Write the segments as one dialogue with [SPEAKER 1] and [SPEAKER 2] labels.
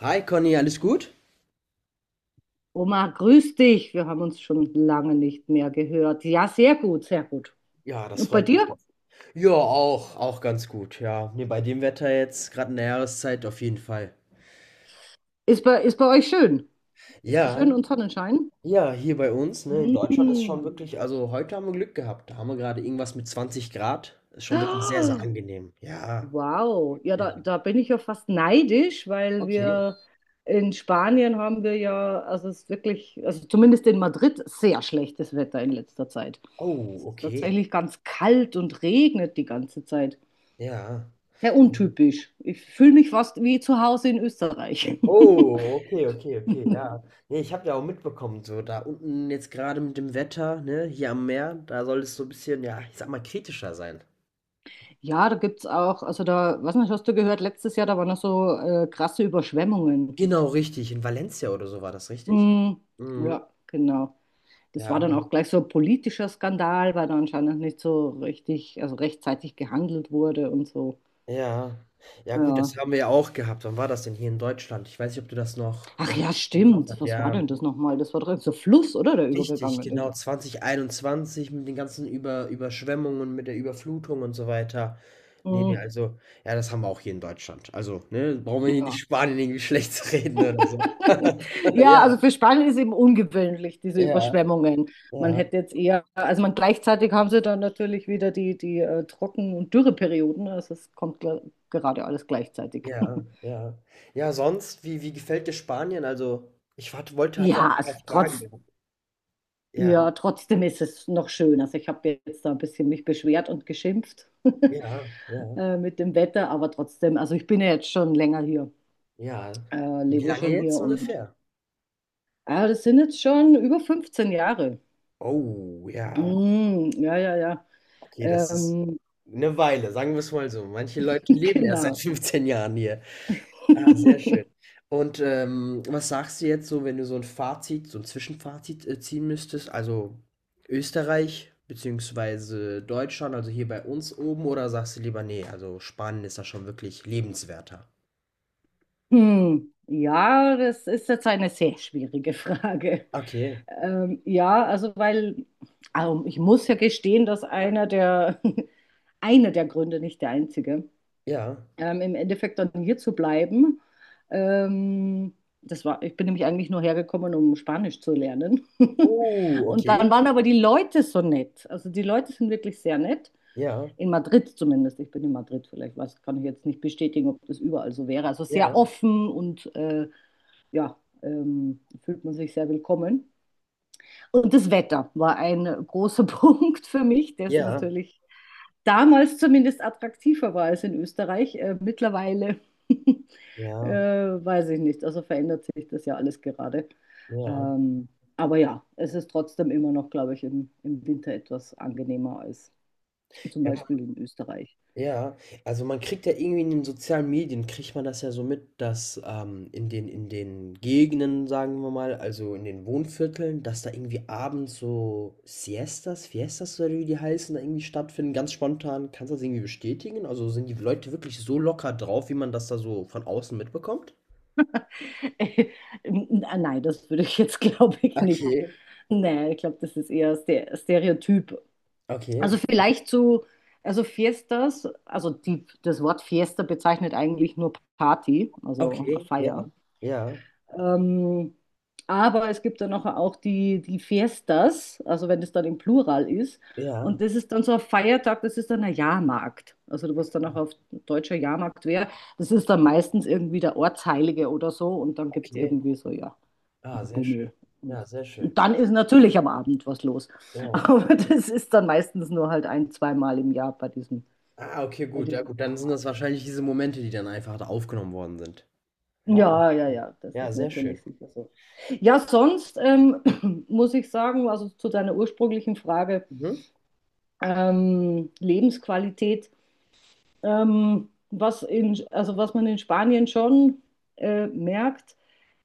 [SPEAKER 1] Hi Conny, alles gut?
[SPEAKER 2] Oma, grüß dich. Wir haben uns schon lange nicht mehr gehört. Ja, sehr gut, sehr gut.
[SPEAKER 1] Ja, das
[SPEAKER 2] Und bei
[SPEAKER 1] freut mich.
[SPEAKER 2] dir?
[SPEAKER 1] Ja, auch ganz gut, ja. Nee, bei dem Wetter jetzt, gerade in der Jahreszeit, auf jeden Fall.
[SPEAKER 2] Ist bei euch schön? Ist schön
[SPEAKER 1] Ja,
[SPEAKER 2] und Sonnenschein?
[SPEAKER 1] ja, hier bei uns, ne, in Deutschland ist schon
[SPEAKER 2] Mm.
[SPEAKER 1] wirklich, also heute haben wir Glück gehabt. Da haben wir gerade irgendwas mit 20 Grad. Ist schon wirklich sehr, sehr
[SPEAKER 2] Oh,
[SPEAKER 1] angenehm. Ja.
[SPEAKER 2] wow, ja, da bin ich ja fast neidisch, weil
[SPEAKER 1] Okay.
[SPEAKER 2] wir in Spanien haben wir ja, also es ist wirklich, also zumindest in Madrid, sehr schlechtes Wetter in letzter Zeit. Es
[SPEAKER 1] Oh,
[SPEAKER 2] ist
[SPEAKER 1] okay.
[SPEAKER 2] tatsächlich ganz kalt und regnet die ganze Zeit.
[SPEAKER 1] Ja.
[SPEAKER 2] Sehr untypisch. Ich fühle mich fast wie zu Hause in Österreich.
[SPEAKER 1] Oh, okay, okay, okay, ja. Nee, ich habe ja auch mitbekommen, so da unten jetzt gerade mit dem Wetter, ne, hier am Meer, da soll es so ein bisschen, ja, ich sag mal, kritischer sein.
[SPEAKER 2] Ja, da gibt's auch, also da, was nicht, hast du gehört, letztes Jahr, da waren noch so krasse Überschwemmungen.
[SPEAKER 1] Genau, richtig. In Valencia oder so war das, richtig?
[SPEAKER 2] Mm,
[SPEAKER 1] Mhm.
[SPEAKER 2] ja, genau. Das
[SPEAKER 1] Ja,
[SPEAKER 2] war dann
[SPEAKER 1] aber
[SPEAKER 2] auch gleich so ein politischer Skandal, weil da anscheinend nicht so richtig, also rechtzeitig gehandelt wurde und so.
[SPEAKER 1] ja. Ja gut,
[SPEAKER 2] Ja.
[SPEAKER 1] das haben wir ja auch gehabt. Wann war das denn hier in Deutschland? Ich weiß nicht, ob du das noch,
[SPEAKER 2] Ach ja,
[SPEAKER 1] im Kopf
[SPEAKER 2] stimmt.
[SPEAKER 1] hast.
[SPEAKER 2] Was war
[SPEAKER 1] Ja,
[SPEAKER 2] denn das nochmal? Das war doch so Fluss, oder? Der
[SPEAKER 1] richtig,
[SPEAKER 2] übergegangen
[SPEAKER 1] genau,
[SPEAKER 2] ist.
[SPEAKER 1] 2021 mit den ganzen Überschwemmungen, mit der Überflutung und so weiter. Ne, ne,
[SPEAKER 2] Mm,
[SPEAKER 1] also ja, das haben wir auch hier in Deutschland. Also, ne, brauchen wir hier nicht
[SPEAKER 2] ja.
[SPEAKER 1] Spanien irgendwie schlecht zu reden oder so.
[SPEAKER 2] Ja,
[SPEAKER 1] Ja,
[SPEAKER 2] also für Spanien ist eben ungewöhnlich, diese
[SPEAKER 1] ja,
[SPEAKER 2] Überschwemmungen. Man
[SPEAKER 1] ja.
[SPEAKER 2] hätte jetzt eher, also man gleichzeitig haben sie dann natürlich wieder die, die Trocken- und Dürreperioden. Also es kommt gerade alles gleichzeitig.
[SPEAKER 1] Ja, ja. Ja, sonst, wie gefällt dir Spanien? Also, ich hatte
[SPEAKER 2] Ja,
[SPEAKER 1] ein
[SPEAKER 2] also
[SPEAKER 1] paar Fragen gehabt. Ja,
[SPEAKER 2] ja, trotzdem ist es noch schön. Also ich habe jetzt da ein bisschen mich beschwert und geschimpft
[SPEAKER 1] ja, ja,
[SPEAKER 2] mit dem Wetter, aber trotzdem, also ich bin ja jetzt schon länger hier,
[SPEAKER 1] ja. Wie
[SPEAKER 2] lebe
[SPEAKER 1] lange
[SPEAKER 2] schon
[SPEAKER 1] jetzt
[SPEAKER 2] hier und
[SPEAKER 1] ungefähr?
[SPEAKER 2] das sind jetzt schon über 15 Jahre.
[SPEAKER 1] Oh, ja.
[SPEAKER 2] Mm, ja, ja, ja.
[SPEAKER 1] Okay, das ist
[SPEAKER 2] Ähm,
[SPEAKER 1] eine Weile, sagen wir's mal so. Manche Leute leben erst seit
[SPEAKER 2] Genau.
[SPEAKER 1] 15 Jahren hier. Ah, sehr schön. Und, was sagst du jetzt so, wenn du so ein Zwischenfazit, ziehen müsstest? Also, Österreich beziehungsweise Deutschland, also hier bei uns oben oder sagst du lieber: „Nee? Also Spanien ist da schon wirklich lebenswerter?“
[SPEAKER 2] Hm. Ja, das ist jetzt eine sehr schwierige Frage.
[SPEAKER 1] Okay,
[SPEAKER 2] Ja, also weil ich muss ja gestehen, dass einer der, einer der Gründe, nicht der einzige,
[SPEAKER 1] ja.
[SPEAKER 2] im Endeffekt dann hier zu bleiben. Ähm, das war, ich bin nämlich eigentlich nur hergekommen, um Spanisch zu lernen.
[SPEAKER 1] Oh,
[SPEAKER 2] Und
[SPEAKER 1] okay.
[SPEAKER 2] dann waren aber die Leute so nett. Also die Leute sind wirklich sehr nett.
[SPEAKER 1] Ja,
[SPEAKER 2] In Madrid zumindest. Ich bin in Madrid vielleicht. Was kann ich jetzt nicht bestätigen, ob das überall so wäre. Also
[SPEAKER 1] ja,
[SPEAKER 2] sehr offen und ja, fühlt man sich sehr willkommen. Und das Wetter war ein großer Punkt für mich, das
[SPEAKER 1] ja,
[SPEAKER 2] natürlich damals zumindest attraktiver war als in Österreich. Mittlerweile
[SPEAKER 1] ja,
[SPEAKER 2] weiß ich nicht. Also verändert sich das ja alles gerade.
[SPEAKER 1] ja.
[SPEAKER 2] Ähm, aber ja, es ist trotzdem immer noch, glaube ich, im, im Winter etwas angenehmer als zum
[SPEAKER 1] Ja,
[SPEAKER 2] Beispiel in Österreich.
[SPEAKER 1] ja, also man kriegt ja irgendwie in den sozialen Medien, kriegt man das ja so mit, dass in den Gegenden, sagen wir mal, also in den Wohnvierteln, dass da irgendwie abends so Siestas, Fiestas oder wie die heißen, da irgendwie stattfinden, ganz spontan. Kannst du das irgendwie bestätigen? Also sind die Leute wirklich so locker drauf, wie man das da so von außen mitbekommt?
[SPEAKER 2] Nein, das würde ich jetzt, glaube ich, nicht.
[SPEAKER 1] Okay,
[SPEAKER 2] Nein, ich glaube, das ist eher Stereotyp. Also
[SPEAKER 1] okay,
[SPEAKER 2] vielleicht zu, also Fiestas, das Wort Fiesta bezeichnet eigentlich nur Party, also eine
[SPEAKER 1] okay, ja,
[SPEAKER 2] Feier.
[SPEAKER 1] ja,
[SPEAKER 2] Ähm, aber es gibt dann noch auch die, Fiestas, also wenn das dann im Plural ist.
[SPEAKER 1] ja,
[SPEAKER 2] Und das ist dann so ein Feiertag, das ist dann ein Jahrmarkt. Also was dann auch auf deutscher Jahrmarkt wäre, das ist dann meistens irgendwie der Ortsheilige oder so. Und dann gibt es
[SPEAKER 1] okay.
[SPEAKER 2] irgendwie so, ja.
[SPEAKER 1] Ah, sehr schön.
[SPEAKER 2] Bummel.
[SPEAKER 1] Ja, sehr schön.
[SPEAKER 2] Und dann ist natürlich am Abend was los.
[SPEAKER 1] Ja.
[SPEAKER 2] Aber das ist dann meistens nur halt ein, zweimal im Jahr
[SPEAKER 1] Ah, okay,
[SPEAKER 2] bei
[SPEAKER 1] gut. Ja,
[SPEAKER 2] diesem
[SPEAKER 1] gut, dann sind das
[SPEAKER 2] Jahrmarkt.
[SPEAKER 1] wahrscheinlich diese Momente, die dann einfach da aufgenommen worden sind. Ja, aber
[SPEAKER 2] Ja, ja, ja, das
[SPEAKER 1] ja,
[SPEAKER 2] ist
[SPEAKER 1] sehr schön.
[SPEAKER 2] natürlich sicher so. Ja, sonst muss ich sagen, also zu deiner ursprünglichen Frage,
[SPEAKER 1] Mhm.
[SPEAKER 2] Lebensqualität, was in, also was man in Spanien schon merkt,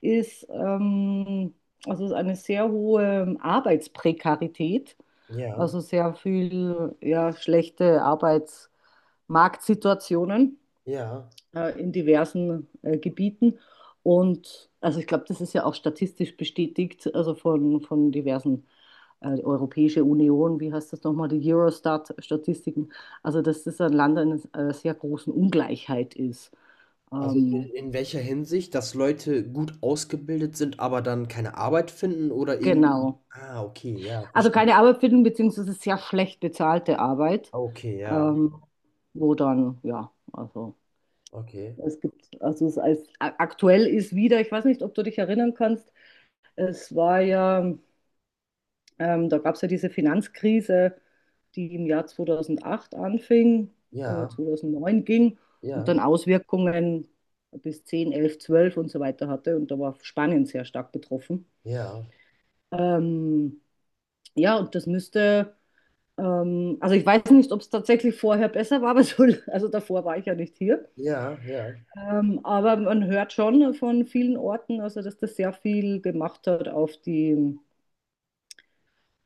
[SPEAKER 2] ist, also es ist eine sehr hohe Arbeitsprekarität,
[SPEAKER 1] Ja,
[SPEAKER 2] also sehr viel ja, schlechte Arbeitsmarktsituationen
[SPEAKER 1] ja.
[SPEAKER 2] in diversen Gebieten. Und also ich glaube, das ist ja auch statistisch bestätigt, also von diversen die Europäische Union, wie heißt das nochmal, die Eurostat-Statistiken. Also dass das ein Land in einer sehr großen Ungleichheit ist.
[SPEAKER 1] Also
[SPEAKER 2] Ähm,
[SPEAKER 1] in welcher Hinsicht, dass Leute gut ausgebildet sind, aber dann keine Arbeit finden oder irgendwie.
[SPEAKER 2] genau.
[SPEAKER 1] Ah, okay, ja,
[SPEAKER 2] Also
[SPEAKER 1] verstehe.
[SPEAKER 2] keine Arbeit finden, beziehungsweise sehr schlecht bezahlte Arbeit,
[SPEAKER 1] Okay, ja,
[SPEAKER 2] ähm, wo dann, ja, also.
[SPEAKER 1] okay.
[SPEAKER 2] Es gibt, also es als, aktuell ist wieder, ich weiß nicht, ob du dich erinnern kannst, es war ja da gab es ja diese Finanzkrise, die im Jahr 2008 anfing,
[SPEAKER 1] Ja,
[SPEAKER 2] 2009 ging und
[SPEAKER 1] ja,
[SPEAKER 2] dann Auswirkungen bis 10, 11, 12 und so weiter hatte. Und da war Spanien sehr stark betroffen.
[SPEAKER 1] ja,
[SPEAKER 2] Ähm, ja, und das müsste, also ich weiß nicht, ob es tatsächlich vorher besser war, aber so, also davor war ich ja nicht hier.
[SPEAKER 1] ja, ja,
[SPEAKER 2] Aber man hört schon von vielen Orten, also dass das sehr viel gemacht hat auf die,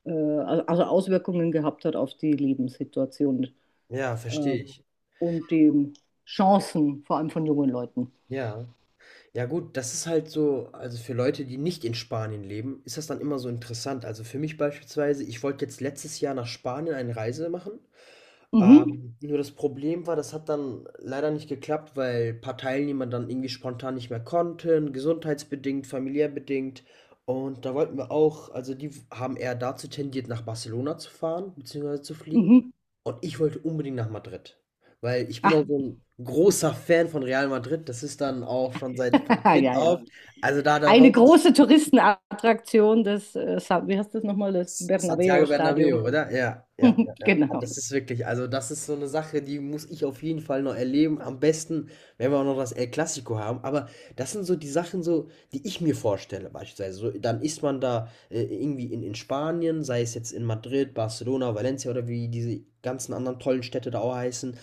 [SPEAKER 2] also Auswirkungen gehabt hat auf die Lebenssituation
[SPEAKER 1] ja,
[SPEAKER 2] äh,
[SPEAKER 1] verstehe ich.
[SPEAKER 2] und den Chancen, vor allem von jungen Leuten.
[SPEAKER 1] Ja. Ja gut, das ist halt so, also für Leute, die nicht in Spanien leben, ist das dann immer so interessant. Also für mich beispielsweise, ich wollte jetzt letztes Jahr nach Spanien eine Reise machen,
[SPEAKER 2] Mhm,
[SPEAKER 1] nur das Problem war, das hat dann leider nicht geklappt, weil ein paar Teilnehmer dann irgendwie spontan nicht mehr konnten, gesundheitsbedingt, familiär bedingt. Und da wollten wir auch, also die haben eher dazu tendiert, nach Barcelona zu fahren, beziehungsweise zu fliegen.
[SPEAKER 2] mhm.
[SPEAKER 1] Und ich wollte unbedingt nach Madrid. Weil ich bin auch
[SPEAKER 2] Ach,
[SPEAKER 1] so ein großer Fan von Real Madrid. Das ist dann auch schon seit
[SPEAKER 2] ja,
[SPEAKER 1] Kind
[SPEAKER 2] ja.
[SPEAKER 1] auf. Also da
[SPEAKER 2] Eine
[SPEAKER 1] wollte ich
[SPEAKER 2] große Touristenattraktion wie heißt das nochmal, das
[SPEAKER 1] Santiago
[SPEAKER 2] Bernabeu-Stadion.
[SPEAKER 1] Bernabéu, oder? Ja, ja, ja, ja. Ah,
[SPEAKER 2] Genau.
[SPEAKER 1] das ist wirklich, also das ist so eine Sache, die muss ich auf jeden Fall noch erleben. Am besten, wenn wir auch noch das El Clasico haben. Aber das sind so die Sachen, so, die ich mir vorstelle, beispielsweise. So, dann ist man da irgendwie in Spanien, sei es jetzt in Madrid, Barcelona, Valencia oder wie diese ganzen anderen tollen Städte da auch heißen.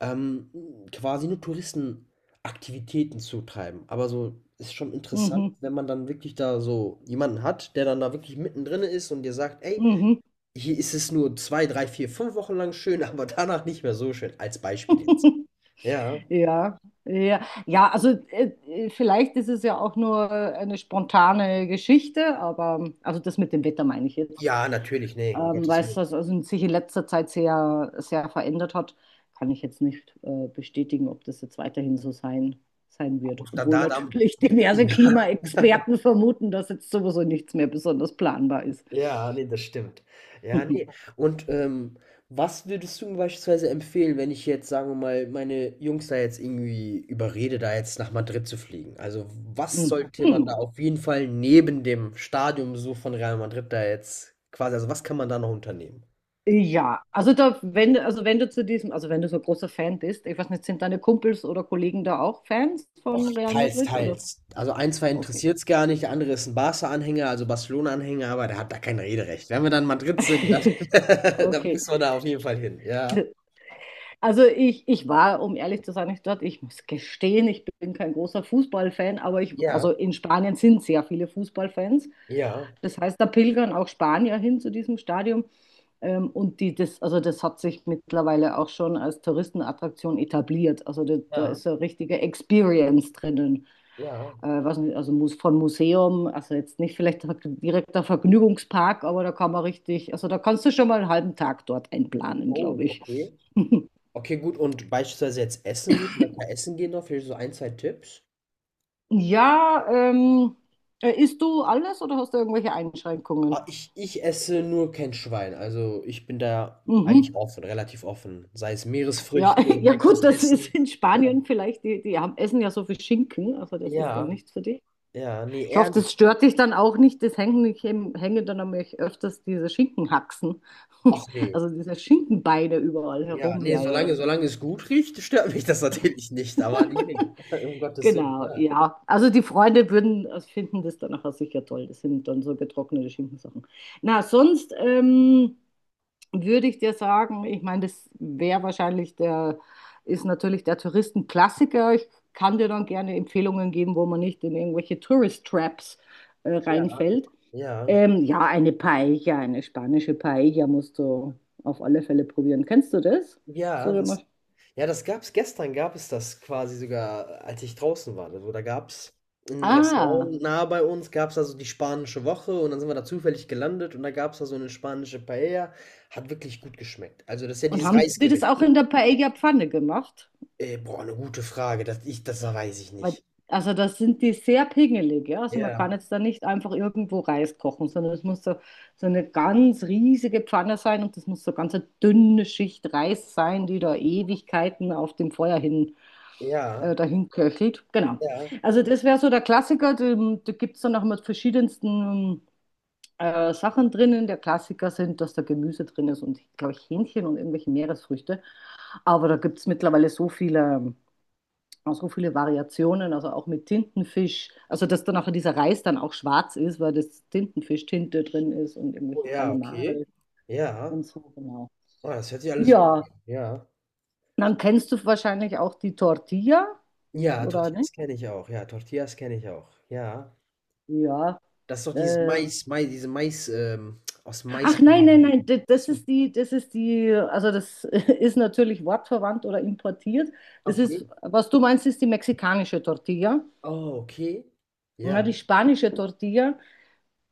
[SPEAKER 1] Ähm, quasi nur Touristen Aktivitäten zutreiben. Aber so ist schon interessant,
[SPEAKER 2] Mhm,
[SPEAKER 1] wenn man dann wirklich da so jemanden hat, der dann da wirklich mittendrin ist und dir sagt: „Ey,
[SPEAKER 2] mhm.
[SPEAKER 1] hier ist es nur 2, 3, 4, 5 Wochen lang schön, aber danach nicht mehr so schön“, als Beispiel jetzt. Ja.
[SPEAKER 2] Ja, ja, ja, also vielleicht ist es ja auch nur eine spontane Geschichte, aber also das mit dem Wetter meine ich jetzt.
[SPEAKER 1] Ja, natürlich, ne, um Gottes
[SPEAKER 2] Weil es
[SPEAKER 1] Willen.
[SPEAKER 2] das also sich in letzter Zeit sehr, sehr verändert hat, kann ich jetzt nicht bestätigen, ob das jetzt weiterhin so sein wird.
[SPEAKER 1] Da,
[SPEAKER 2] Obwohl
[SPEAKER 1] da, da.
[SPEAKER 2] natürlich diverse Klimaexperten vermuten, dass jetzt sowieso nichts mehr besonders planbar ist.
[SPEAKER 1] Ja, ne, das stimmt. Ja, ne. Und, was würdest du mir beispielsweise empfehlen, wenn ich jetzt, sagen wir mal, meine Jungs da jetzt irgendwie überrede, da jetzt nach Madrid zu fliegen? Also, was
[SPEAKER 2] Hm.
[SPEAKER 1] sollte man da
[SPEAKER 2] Hm.
[SPEAKER 1] auf jeden Fall neben dem Stadionbesuch von Real Madrid da jetzt quasi, also, was kann man da noch unternehmen?
[SPEAKER 2] Ja, also da, wenn, du- also wenn du zu diesem, also wenn du so ein großer Fan bist, ich weiß nicht, sind deine Kumpels oder Kollegen da auch Fans
[SPEAKER 1] Och,
[SPEAKER 2] von Real
[SPEAKER 1] teils,
[SPEAKER 2] Madrid oder?
[SPEAKER 1] teils. Also, einen, zwei
[SPEAKER 2] Okay.
[SPEAKER 1] interessiert es gar nicht, der andere ist ein Barca-Anhänger, also Barcelona-Anhänger, aber der hat da kein Rederecht. Wenn wir dann in Madrid sind, dann dann
[SPEAKER 2] Okay.
[SPEAKER 1] müssen wir da auf jeden Fall hin. Ja.
[SPEAKER 2] Also ich war, um ehrlich zu sein, nicht dort. Ich muss gestehen, ich bin kein großer Fußballfan, aber ich,
[SPEAKER 1] Ja.
[SPEAKER 2] also in Spanien sind sehr viele Fußballfans.
[SPEAKER 1] Ja.
[SPEAKER 2] Das heißt, da pilgern auch Spanier hin zu diesem Stadion. Und die, das, also das hat sich mittlerweile auch schon als Touristenattraktion etabliert. Also da, da
[SPEAKER 1] Ja.
[SPEAKER 2] ist so eine richtige Experience drinnen.
[SPEAKER 1] Ja.
[SPEAKER 2] Weiß nicht, also muss von Museum, also jetzt nicht vielleicht direkter Vergnügungspark, aber da kann man richtig, also da kannst du schon mal einen halben Tag dort einplanen,
[SPEAKER 1] Oh,
[SPEAKER 2] glaube ich.
[SPEAKER 1] okay. Okay, gut. Und beispielsweise jetzt essen gehen, lecker essen gehen noch, vielleicht so ein, zwei Tipps.
[SPEAKER 2] Ja, isst du alles oder hast du irgendwelche
[SPEAKER 1] Ah,
[SPEAKER 2] Einschränkungen?
[SPEAKER 1] ich esse nur kein Schwein. Also ich bin da
[SPEAKER 2] Mhm.
[SPEAKER 1] eigentlich offen, relativ offen. Sei es
[SPEAKER 2] Ja,
[SPEAKER 1] Meeresfrüchte,
[SPEAKER 2] ja
[SPEAKER 1] leckeres
[SPEAKER 2] gut, das ist
[SPEAKER 1] Essen.
[SPEAKER 2] in
[SPEAKER 1] Ja,
[SPEAKER 2] Spanien vielleicht, die haben, essen ja so viel Schinken, also das ist dann
[SPEAKER 1] ja,
[SPEAKER 2] nichts für dich.
[SPEAKER 1] ja, nee,
[SPEAKER 2] Ich hoffe, das
[SPEAKER 1] ehrlich.
[SPEAKER 2] stört dich dann auch nicht, das hängen, ich hänge dann nämlich öfters diese Schinkenhaxen,
[SPEAKER 1] Ach nee.
[SPEAKER 2] also diese Schinkenbeine überall
[SPEAKER 1] Ja,
[SPEAKER 2] herum,
[SPEAKER 1] nee,
[SPEAKER 2] ja, ja,
[SPEAKER 1] solange,
[SPEAKER 2] das sind sie.
[SPEAKER 1] solange es gut riecht, stört mich das natürlich nicht. Aber nee, nee. Um Gottes Willen.
[SPEAKER 2] Genau, ja. Also die Freunde würden also finden das dann nachher sicher toll. Das sind dann so getrocknete Schinkensachen. Na, sonst, würde ich dir sagen, ich meine, das wäre wahrscheinlich der, ist natürlich der Touristenklassiker. Ich kann dir dann gerne Empfehlungen geben, wo man nicht in irgendwelche Tourist Traps
[SPEAKER 1] Ja,
[SPEAKER 2] reinfällt.
[SPEAKER 1] ja.
[SPEAKER 2] Ja, eine Paella, eine spanische Paella musst du auf alle Fälle probieren. Kennst du das?
[SPEAKER 1] Ja, ja,
[SPEAKER 2] So,
[SPEAKER 1] das, ja, das gab's gestern gab es das quasi sogar, als ich draußen war. Also, da gab's in 'nem
[SPEAKER 2] ah,
[SPEAKER 1] Restaurant nahe bei uns gab's da so die spanische Woche und dann sind wir da zufällig gelandet und da gab's da so 'ne spanische Paella. Hat wirklich gut geschmeckt. Also, das ist ja
[SPEAKER 2] und
[SPEAKER 1] dieses
[SPEAKER 2] haben die das
[SPEAKER 1] Reisgericht.
[SPEAKER 2] auch in der Paella-Pfanne gemacht?
[SPEAKER 1] Boah, eine gute Frage. Das weiß ich
[SPEAKER 2] Weil,
[SPEAKER 1] nicht.
[SPEAKER 2] also das sind die sehr pingelig, ja. Also man
[SPEAKER 1] Ja,
[SPEAKER 2] kann jetzt da nicht einfach irgendwo Reis kochen, sondern es muss so, so eine ganz riesige Pfanne sein und das muss so ganz eine dünne Schicht Reis sein, die da Ewigkeiten auf dem Feuer hin,
[SPEAKER 1] ja,
[SPEAKER 2] dahin köchelt. Genau.
[SPEAKER 1] ja.
[SPEAKER 2] Also das wäre so der Klassiker. Da gibt es dann auch immer verschiedensten Sachen drinnen. Der Klassiker sind, dass da Gemüse drin ist und, glaube ich, Hähnchen und irgendwelche Meeresfrüchte. Aber da gibt es mittlerweile so viele Variationen, also auch mit Tintenfisch. Also, dass dann auch dieser Reis dann auch schwarz ist, weil das Tintenfisch-Tinte drin ist und
[SPEAKER 1] Oh
[SPEAKER 2] irgendwelche
[SPEAKER 1] ja, okay.
[SPEAKER 2] Kalimare
[SPEAKER 1] Ja.
[SPEAKER 2] und so, genau.
[SPEAKER 1] Ah, das hört sich alles gut
[SPEAKER 2] Ja,
[SPEAKER 1] an. Ja.
[SPEAKER 2] dann kennst du wahrscheinlich auch die Tortilla,
[SPEAKER 1] Ja,
[SPEAKER 2] oder nicht?
[SPEAKER 1] Tortillas kenne ich auch. Ja, Tortillas kenne ich auch. Ja.
[SPEAKER 2] Ja.
[SPEAKER 1] Das ist doch dieses
[SPEAKER 2] Äh,
[SPEAKER 1] Mais aus
[SPEAKER 2] ach
[SPEAKER 1] Mais. Ach
[SPEAKER 2] nein, nein, nein, das
[SPEAKER 1] so,
[SPEAKER 2] ist die, das ist die, also das ist natürlich wortverwandt oder importiert. Das
[SPEAKER 1] okay.
[SPEAKER 2] ist, was du meinst, ist die mexikanische Tortilla.
[SPEAKER 1] Oh, okay.
[SPEAKER 2] Na,
[SPEAKER 1] Ja.
[SPEAKER 2] die spanische Tortilla,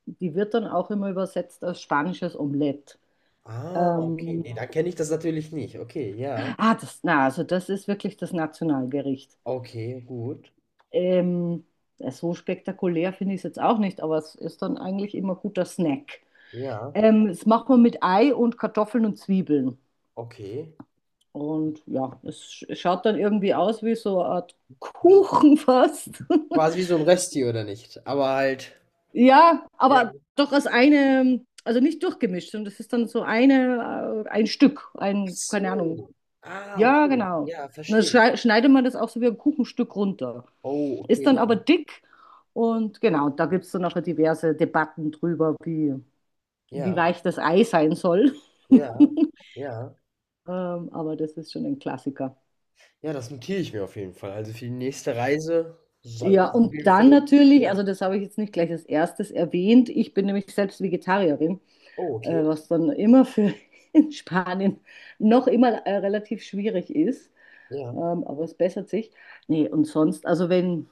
[SPEAKER 2] die wird dann auch immer übersetzt als spanisches Omelett.
[SPEAKER 1] Ah, okay.
[SPEAKER 2] Ähm,
[SPEAKER 1] Ne, dann kenne ich das natürlich nicht. Okay, ja.
[SPEAKER 2] das, na, also das ist wirklich das Nationalgericht.
[SPEAKER 1] Okay, gut.
[SPEAKER 2] Ähm, ja, so spektakulär finde ich es jetzt auch nicht, aber es ist dann eigentlich immer guter Snack.
[SPEAKER 1] Ja,
[SPEAKER 2] Das macht man mit Ei und Kartoffeln und Zwiebeln.
[SPEAKER 1] okay.
[SPEAKER 2] Und ja, es schaut dann irgendwie aus wie so eine Art
[SPEAKER 1] Wie
[SPEAKER 2] Kuchen fast.
[SPEAKER 1] wie so ein Resti oder nicht? Aber halt
[SPEAKER 2] Ja,
[SPEAKER 1] ja.
[SPEAKER 2] aber doch als eine, also nicht durchgemischt, und das ist dann so eine, ein Stück,
[SPEAKER 1] Ach
[SPEAKER 2] ein, keine Ahnung.
[SPEAKER 1] so. Ah,
[SPEAKER 2] Ja,
[SPEAKER 1] okay.
[SPEAKER 2] genau.
[SPEAKER 1] Ja,
[SPEAKER 2] Und dann
[SPEAKER 1] verstehe.
[SPEAKER 2] schneidet man das auch so wie ein Kuchenstück runter.
[SPEAKER 1] Oh,
[SPEAKER 2] Ist
[SPEAKER 1] okay,
[SPEAKER 2] dann
[SPEAKER 1] ja.
[SPEAKER 2] aber dick und genau, da gibt es dann nachher diverse Debatten drüber, wie, wie
[SPEAKER 1] Ja,
[SPEAKER 2] weich das Ei sein soll. ähm,
[SPEAKER 1] ja, ja.
[SPEAKER 2] aber das ist schon ein Klassiker.
[SPEAKER 1] Ja, das notiere ich mir auf jeden Fall. Also, für die nächste Reise soll
[SPEAKER 2] Ja,
[SPEAKER 1] das auf
[SPEAKER 2] und
[SPEAKER 1] jeden Fall
[SPEAKER 2] dann natürlich,
[SPEAKER 1] ja.
[SPEAKER 2] also das habe ich jetzt nicht gleich als erstes erwähnt, ich bin nämlich selbst Vegetarierin,
[SPEAKER 1] Oh, okay.
[SPEAKER 2] was dann immer für in Spanien noch immer relativ schwierig ist,
[SPEAKER 1] Ja.
[SPEAKER 2] aber es bessert sich. Nee, und sonst, also wenn,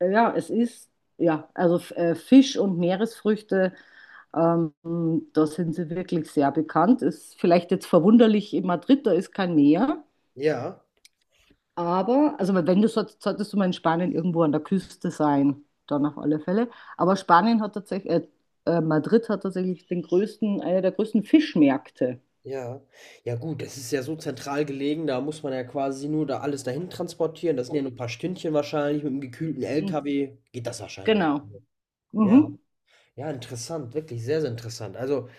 [SPEAKER 2] ja, es ist, ja, also Fisch und Meeresfrüchte Ähm, Da sind sie wirklich sehr bekannt. Ist vielleicht jetzt verwunderlich in Madrid, da ist kein Meer.
[SPEAKER 1] Ja,
[SPEAKER 2] Aber, also wenn du solltest, solltest du mal in Spanien irgendwo an der Küste sein, dann auf alle Fälle. Aber Spanien hat tatsächlich, Madrid hat tatsächlich den größten, einer der größten Fischmärkte.
[SPEAKER 1] ja. Ja gut, das ist ja so zentral gelegen, da muss man ja quasi nur da alles dahin transportieren. Das sind ja nur 'n paar Stündchen wahrscheinlich. Mit 'm gekühlten
[SPEAKER 2] Hm,
[SPEAKER 1] LKW geht das wahrscheinlich.
[SPEAKER 2] genau.
[SPEAKER 1] Ja,
[SPEAKER 2] Mhm.
[SPEAKER 1] ja, interessant, wirklich sehr, sehr interessant. Also,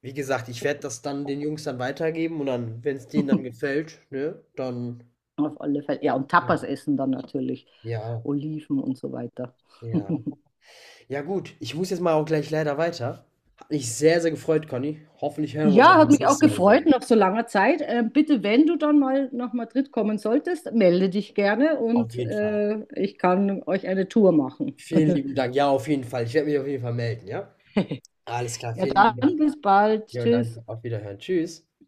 [SPEAKER 1] wie gesagt, ich werde das dann den Jungs dann weitergeben und dann, wenn es denen dann gefällt, ne, dann,
[SPEAKER 2] Auf alle Fälle. Ja, und Tapas essen dann natürlich.
[SPEAKER 1] ja,
[SPEAKER 2] Oliven und so weiter.
[SPEAKER 1] ja. Ja gut, ich muss jetzt mal auch gleich leider weiter. Hat mich sehr, sehr gefreut, Conny. Hoffentlich hören wir uns
[SPEAKER 2] Ja,
[SPEAKER 1] auch
[SPEAKER 2] hat
[SPEAKER 1] das
[SPEAKER 2] mich auch
[SPEAKER 1] nächste Mal wieder.
[SPEAKER 2] gefreut nach so langer Zeit. Bitte, wenn du dann mal nach Madrid kommen solltest, melde dich gerne
[SPEAKER 1] Auf
[SPEAKER 2] und
[SPEAKER 1] jeden Fall.
[SPEAKER 2] ich kann euch eine Tour machen.
[SPEAKER 1] Vielen lieben Dank. Ja, auf jeden Fall. Ich werde mich auf jeden Fall melden, ja? Alles klar,
[SPEAKER 2] Ja,
[SPEAKER 1] vielen lieben Dank.
[SPEAKER 2] dann bis bald.
[SPEAKER 1] Ja, danke.
[SPEAKER 2] Tschüss.
[SPEAKER 1] Auf Wiederhören. Tschüss.